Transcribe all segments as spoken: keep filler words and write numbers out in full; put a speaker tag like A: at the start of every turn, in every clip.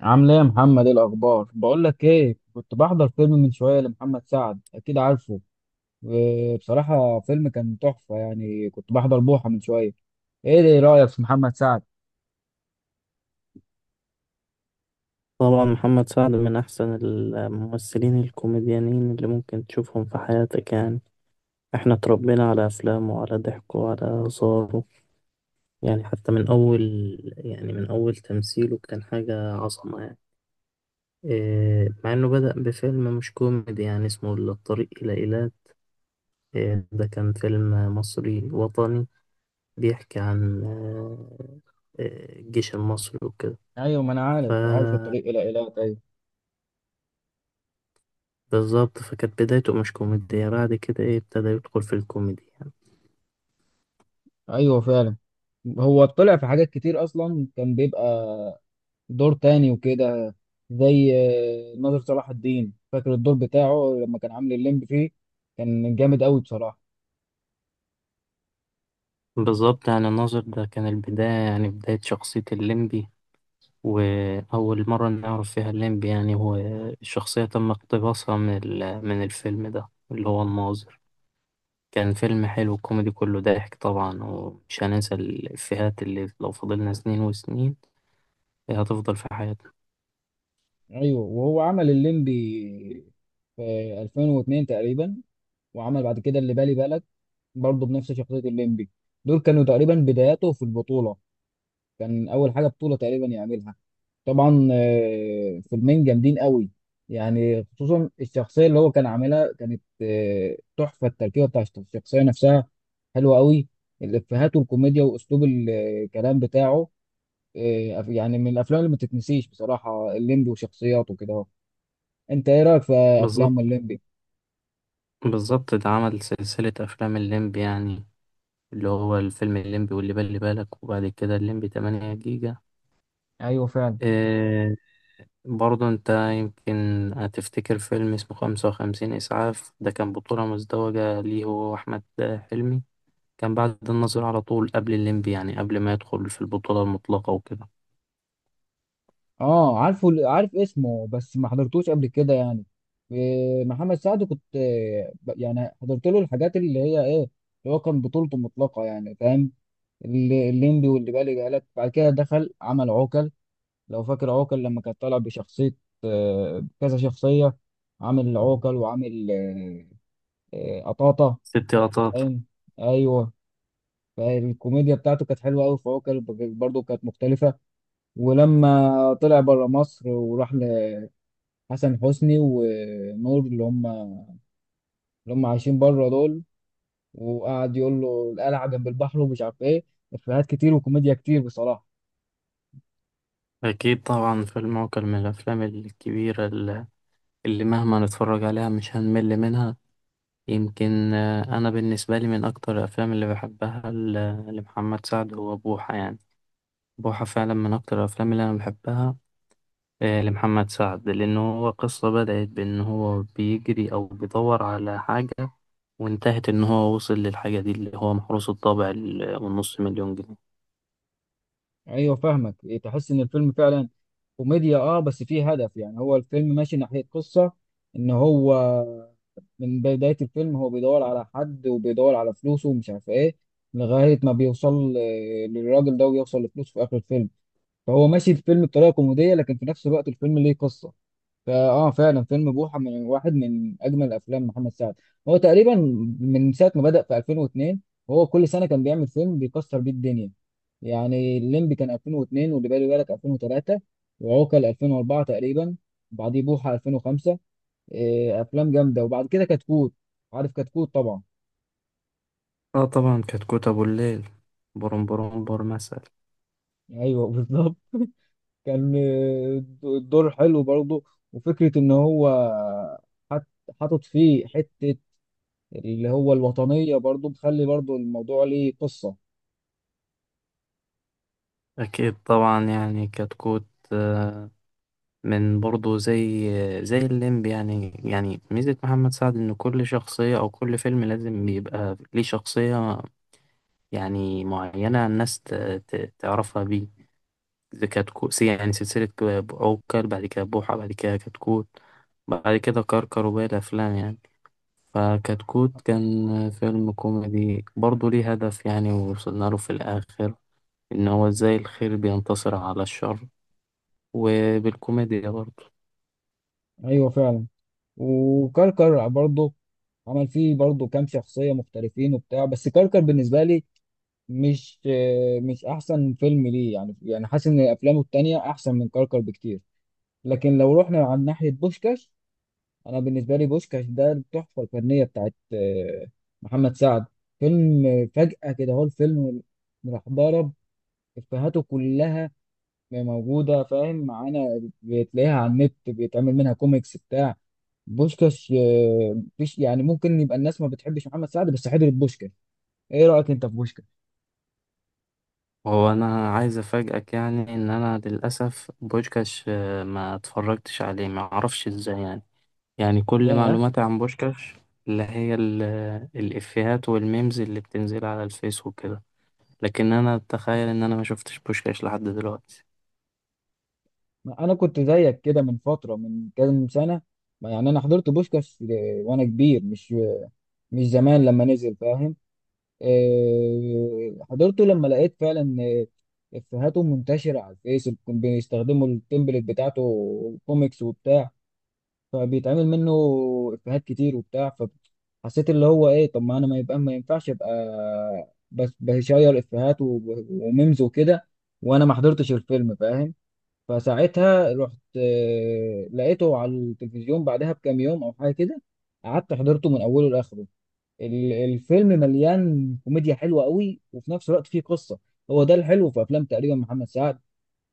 A: عامل ايه يا محمد؟ ايه الاخبار؟ بقول لك ايه، كنت بحضر فيلم من شويه لمحمد سعد، اكيد عارفه. وبصراحه فيلم كان تحفه، يعني كنت بحضر بوحه من شويه. ايه ده رايك في محمد سعد؟
B: طبعا محمد سعد من أحسن الممثلين الكوميديانين اللي ممكن تشوفهم في حياتك يعني. احنا اتربينا على أفلامه وعلى ضحكه وعلى هزاره. يعني حتى من أول، يعني من أول تمثيله كان حاجة عظمة يعني. آه، مع إنه بدأ بفيلم مش كوميدي يعني اسمه الطريق إلى إيلات. آه، ده كان فيلم مصري وطني بيحكي عن آه، آه، الجيش المصري وكده.
A: ايوه، ما انا عارف، عارف
B: فبالظبط،
A: الطريق الى ايلات. ايوه،
B: فكانت بدايته مش كوميدية، بعد كده إيه ابتدى يدخل في الكوميدي يعني.
A: ايوه فعلا. هو طلع في حاجات كتير، اصلا كان بيبقى دور تاني وكده، زي آه، ناظر صلاح الدين، فاكر الدور بتاعه لما كان عامل الليمبي فيه؟ كان جامد قوي بصراحه.
B: بالظبط، يعني الناظر ده كان البداية، يعني بداية شخصية الليمبي وأول مرة نعرف فيها الليمبي. يعني هو الشخصية تم اقتباسها من ال- من الفيلم ده اللي هو الناظر. كان فيلم حلو كوميدي كله ضحك طبعا، ومش هننسى الإفيهات اللي لو فضلنا سنين وسنين هتفضل في حياتنا.
A: ايوه، وهو عمل الليمبي في ألفين واتنين تقريبا، وعمل بعد كده اللي بالي بالك برضه بنفس شخصيه الليمبي. دول كانوا تقريبا بداياته في البطوله، كان اول حاجه بطوله تقريبا يعملها. طبعا آه، فيلمين جامدين قوي، يعني خصوصا الشخصيه اللي هو كان عاملها كانت آه، تحفه. التركيبه بتاع الشخصيه نفسها حلوه قوي، الافيهات والكوميديا واسلوب الكلام بتاعه آه، يعني من الافلام اللي ما تتنسيش بصراحه. الليمبي وشخصياته كده، انت ايه رايك في افلام
B: بالظبط.
A: الليمبي؟
B: بالظبط، ده عمل سلسلة أفلام الليمبي يعني، اللي هو الفيلم الليمبي واللي بالي بالك وبعد كده الليمبي تمانية جيجا.
A: ايوه فعلا.
B: إيه، برضه أنت يمكن هتفتكر فيلم اسمه خمس وخمسين إسعاف، ده كان بطولة مزدوجة ليه هو وأحمد حلمي. كان بعد النظر على طول قبل الليمبي، يعني قبل ما يدخل في البطولة المطلقة وكده.
A: اه عارفه، عارف اسمه بس ما حضرتوش قبل كده يعني إيه، محمد سعد كنت إيه، ب- يعني حضرت له الحاجات اللي هي ايه، اللي هو كان بطولته مطلقه يعني، فاهم؟ اللي- الليمبي واللي بالي بالك، بعد كده دخل عمل عوكل. لو فاكر عوكل لما كان طالع بشخصيه، آه، كذا شخصيه، عامل عوكل وعامل آه، آه، قطاطه،
B: ست لقطات.
A: فاهم؟ ايوه. فالكوميديا بتاعته كانت حلوه قوي في عوكل، برضه كانت مختلفه. ولما طلع بره مصر وراح لحسن حسني ونور، اللي هم اللي هم عايشين بره دول، وقعد يقول له القلعه جنب البحر ومش عارف ايه، افيهات كتير وكوميديا كتير بصراحه.
B: أكيد طبعا، فيلم عوكل من الأفلام الكبيرة ال- اللي مهما نتفرج عليها مش هنمل منها. يمكن آه، أنا بالنسبة لي من أكتر الأفلام اللي بحبها ل- لمحمد سعد هو بوحة يعني. بوحة فعلا من أكتر الأفلام اللي أنا بحبها آه، لمحمد سعد، لأنه هو قصة بدأت بأن هو بيجري أو بيدور على حاجة، وانتهت إن هو وصل للحاجة دي اللي هو محروس الطابع ال- والنص مليون جنيه.
A: ايوه فاهمك، إيه، تحس ان الفيلم فعلا كوميديا اه، بس فيه هدف. يعني هو الفيلم ماشي ناحيه قصه، ان هو من بدايه الفيلم هو بيدور على حد وبيدور على فلوسه ومش عارف ايه، لغايه ما بيوصل آه، للراجل ده ويوصل لفلوسه في اخر الفيلم. فهو ماشي الفيلم بطريقه كوميديه، لكن في نفس الوقت الفيلم ليه قصه. فاه فعلا، فيلم بوحه من واحد من اجمل افلام محمد سعد. هو تقريبا من ساعه ما بدا في ألفين واتنين، هو كل سنه كان بيعمل فيلم بيكسر بيه الدنيا. يعني الليمبي كان ألفين واتنين، واللي بالي بالك ألفين وتلاته، وعوكل ألفين واربعه تقريبا، بعديه بوحه ألفين وخمسه. إيه، افلام جامده. وبعد كده كتكوت، عارف كتكوت طبعا.
B: آه طبعا، كتكوت أبو الليل، بروم بروم بور مثلا.
A: ايوه بالظبط، كان آه، الدور حلو برضه، وفكرة إن هو حط- حاطط فيه حتة اللي هو الوطنية برضه، مخلي برضه الموضوع ليه قصة.
B: أكيد طبعا يعني كتكوت، آه، من برضه زي زي الليمب يعني. يعني ميزة محمد سعد إن كل شخصية أو كل فيلم لازم بيبقى ليه شخصية يعني معينة الناس ت- ت- تعرفها بيه. زي كتكوت، سي- يعني سلسلة ك- عوكل بعد كده بوحة بعد كده كتكوت بعد كده كركر وباقي الأفلام يعني. فكتكوت كان فيلم كوميدي برضه ليه هدف يعني، ووصلنا له في الآخر إن هو إزاي الخير بينتصر على الشر، وبالكوميديا برضه.
A: أيوه فعلا. وكركر برضه عمل فيه برضه كام شخصية مختلفين وبتاع، بس كركر بالنسبة لي مش آه، مش أحسن فيلم ليه يعني، يعني حاسس إن أفلامه التانية أحسن من كركر بكتير. لكن لو رحنا على ناحية بوشكاش، انا بالنسبه لي بوشكاش ده التحفه الفنيه بتاعت آه، محمد سعد. فيلم آه، فجاه كده هو الفيلم، راح ضرب. افيهاته كلها موجوده فاهم معانا، بتلاقيها على النت بيتعمل منها كوميكس بتاع بوشكاش آه، مفيش يعني، ممكن يبقى الناس ما بتحبش محمد سعد بس حضرت بوشكاش. ايه رايك انت في بوشكاش؟
B: هو انا عايز افاجئك، يعني ان انا للاسف بوشكاش آه، ما اتفرجتش عليه ما اعرفش ازاي يعني. يعني كل
A: ياه،
B: معلوماتي عن بوشكاش اللي هي ال- الافيهات والميمز اللي بتنزل على الفيس وكده. لكن انا اتخيل ان انا ما شفتش بوشكاش لحد دلوقتي.
A: ما انا كنت زيك كده من فتره، من كام سنه ما، يعني انا حضرت بوشكاش آه، وانا كبير، مش مش زمان لما نزل، فاهم؟ آه، حضرته لما لقيت فعلا آه، افيهاته منتشره على الفيس، بيستخدموا التمبلت بتاعته كوميكس وبتاع، فبيتعمل منه افيهات كتير وبتاع. فحسيت اللي هو ايه، طب ما انا ما يبقى ما ينفعش ابقى بس بشير افيهات و- وميمز وكده، وانا ما حضرتش الفيلم، فاهم؟ فساعتها رحت آه، لقيته على التلفزيون بعدها بكام يوم او حاجه كده، قعدت حضرته من اوله لاخره. ال- الفيلم مليان كوميديا حلوه قوي، وفي نفس الوقت فيه قصه. هو ده الحلو في افلام تقريبا محمد سعد،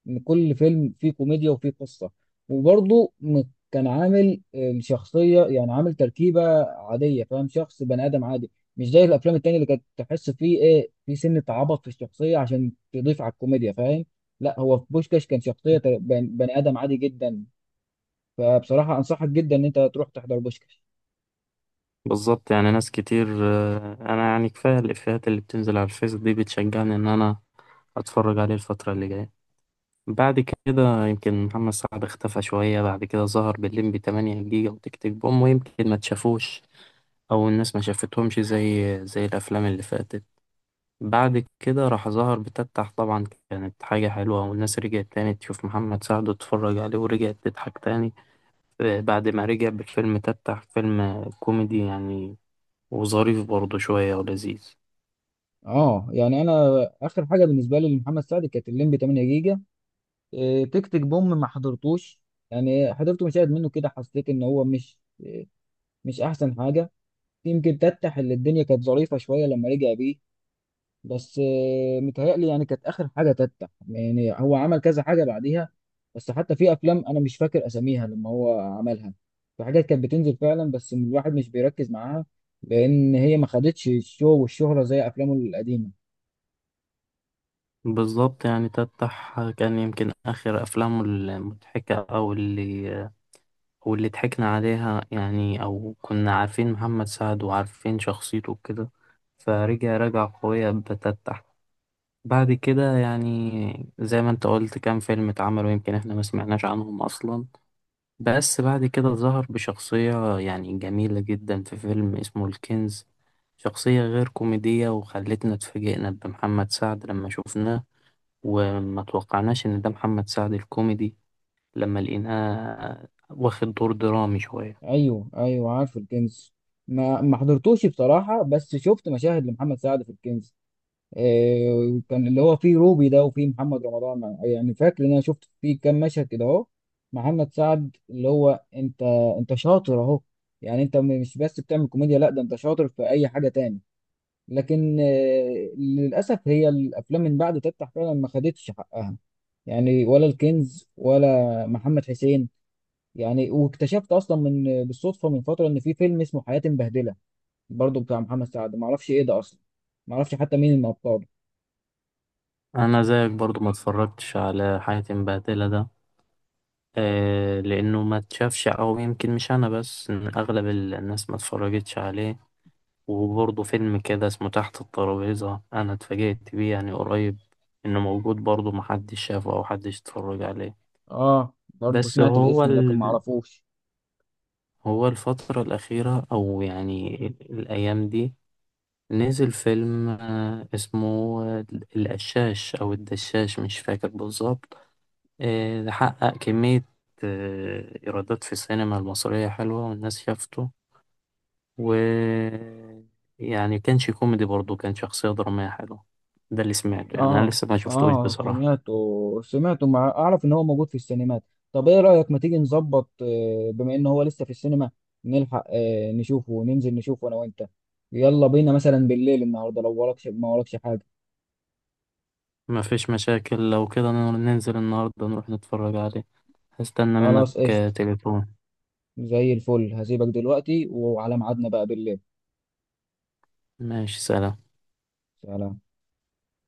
A: ان كل فيلم فيه كوميديا وفيه قصه. وبرضه م- كان عامل الشخصيه، يعني عامل تركيبه عاديه، فاهم، شخص بني ادم عادي، مش زي الافلام التانية اللي كانت تحس فيه ايه، في سنه عبط في الشخصيه عشان تضيف على الكوميديا، فاهم؟ لا، هو في بوشكاش كان شخصيه ت- بن- بني ادم عادي جدا. فبصراحه انصحك جدا ان انت تروح تحضر بوشكاش.
B: بالظبط، يعني ناس كتير، آه، انا يعني كفايه الافيهات اللي بتنزل على الفيس دي بتشجعني ان انا اتفرج عليه الفتره اللي جايه. بعد كده يمكن محمد سعد اختفى شوية، بعد كده ظهر بالليمبي تمانية جيجا وتيك تيك بوم، ويمكن ما تشافوش أو الناس ما شافتهمش زي زي الأفلام اللي فاتت. بعد كده راح ظهر بتفتح طبعا، كانت حاجة حلوة والناس رجعت تاني تشوف محمد سعد وتتفرج عليه ورجعت تضحك تاني. آه، بعد ما رجع بفيلم تفتح، فيلم كوميدي يعني، وظريف برضه شوية ولذيذ.
A: اه، يعني انا اخر حاجه بالنسبه لي لمحمد سعد كانت الليمبي تمنيه جيجا. إيه، تك تك بوم ما حضرتوش، يعني حضرت مشاهد منه كده، حسيت ان هو مش مش احسن حاجه. يمكن تتح اللي الدنيا كانت ظريفه شويه لما رجع بيه، بس إيه، متهيألي يعني كانت اخر حاجه تتح، يعني هو عمل كذا حاجه بعديها، بس حتى في افلام انا مش فاكر اساميها لما هو عملها، في حاجات كانت بتنزل فعلا بس الواحد مش بيركز معاها، لان هي ما خدتش الشو والشهره زي افلامه القديمه.
B: بالظبط، يعني تفتح كان يمكن آخر أفلامه المضحكة أو اللي واللي ضحكنا عليها يعني، أو كنا عارفين محمد سعد وعارفين شخصيته وكده. فرجع، رجع قوية بتتح. بعد كده يعني زي ما انت قلت كام فيلم اتعملوا يمكن احنا ما سمعناش عنهم أصلا. بس بعد كده ظهر بشخصية يعني جميلة جدا في فيلم اسمه الكنز، شخصية غير كوميدية وخلتنا اتفاجئنا بمحمد سعد لما شفناه، وما توقعناش إن ده محمد سعد الكوميدي لما لقيناه واخد دور درامي شوية.
A: ايوه، ايوه عارف الكنز، ما ما حضرتوش بصراحه، بس شفت مشاهد لمحمد سعد في الكنز. إيه، كان اللي هو فيه روبي ده وفيه محمد رمضان، يعني فاكر ان انا شفت فيه كام مشهد كده، اهو محمد سعد اللي هو انت، انت شاطر اهو. يعني انت م- مش بس بتعمل كوميديا، لا ده انت شاطر في اي حاجه تاني. لكن آه، للاسف هي الافلام من بعد تفتح فعلا ما خدتش حقها، يعني ولا الكنز ولا محمد حسين. يعني واكتشفت اصلا من بالصدفه من فتره ان في فيلم اسمه حياتي مبهدله، برضو بتاع محمد سعد، ما اعرفش ايه ده اصلا، ما اعرفش حتى مين من ابطاله.
B: انا زيك برضو ما اتفرجتش على حياة مبهدلة ده. آه لانه ما اتشافش، او يمكن مش انا بس، إن اغلب الناس ما اتفرجتش عليه. وبرضه فيلم كده اسمه تحت الترابيزة، انا اتفاجئت بيه يعني قريب، انه موجود برضه محدش شافه او حدش اتفرج عليه.
A: اه برضو
B: بس
A: سمعت
B: هو
A: الاسم لكن
B: ال...
A: ما اعرفوش.
B: هو الفترة الأخيرة أو يعني الأيام دي نزل فيلم آه، اسمه آه، القشاش أو الدشاش مش فاكر بالظبط. آه، ده حقق كمية آه، إيرادات في السينما المصرية حلوة والناس شافته. و يعني كانش كوميدي برضه، كان شخصية درامية حلوة، ده اللي سمعته يعني، أنا
A: اه،
B: لسه ما شفتوش
A: اه
B: بصراحة.
A: سمعته سمعته مع، اعرف ان هو موجود في السينمات. طب ايه رايك ما تيجي نظبط، آه، بما ان هو لسه في السينما، نلحق آه، نشوفه، وننزل نشوفه انا وانت، يلا بينا، مثلا بالليل النهارده لو وراكش ما وراكش حاجه.
B: ما فيش مشاكل، لو كده ننزل النهاردة نروح نتفرج عليه. هستنى منك
A: خلاص
B: آه،
A: قشطه،
B: تليفون.
A: زي الفل، هسيبك دلوقتي وعلى ميعادنا بقى بالليل.
B: ماشي، سلام.
A: سلام.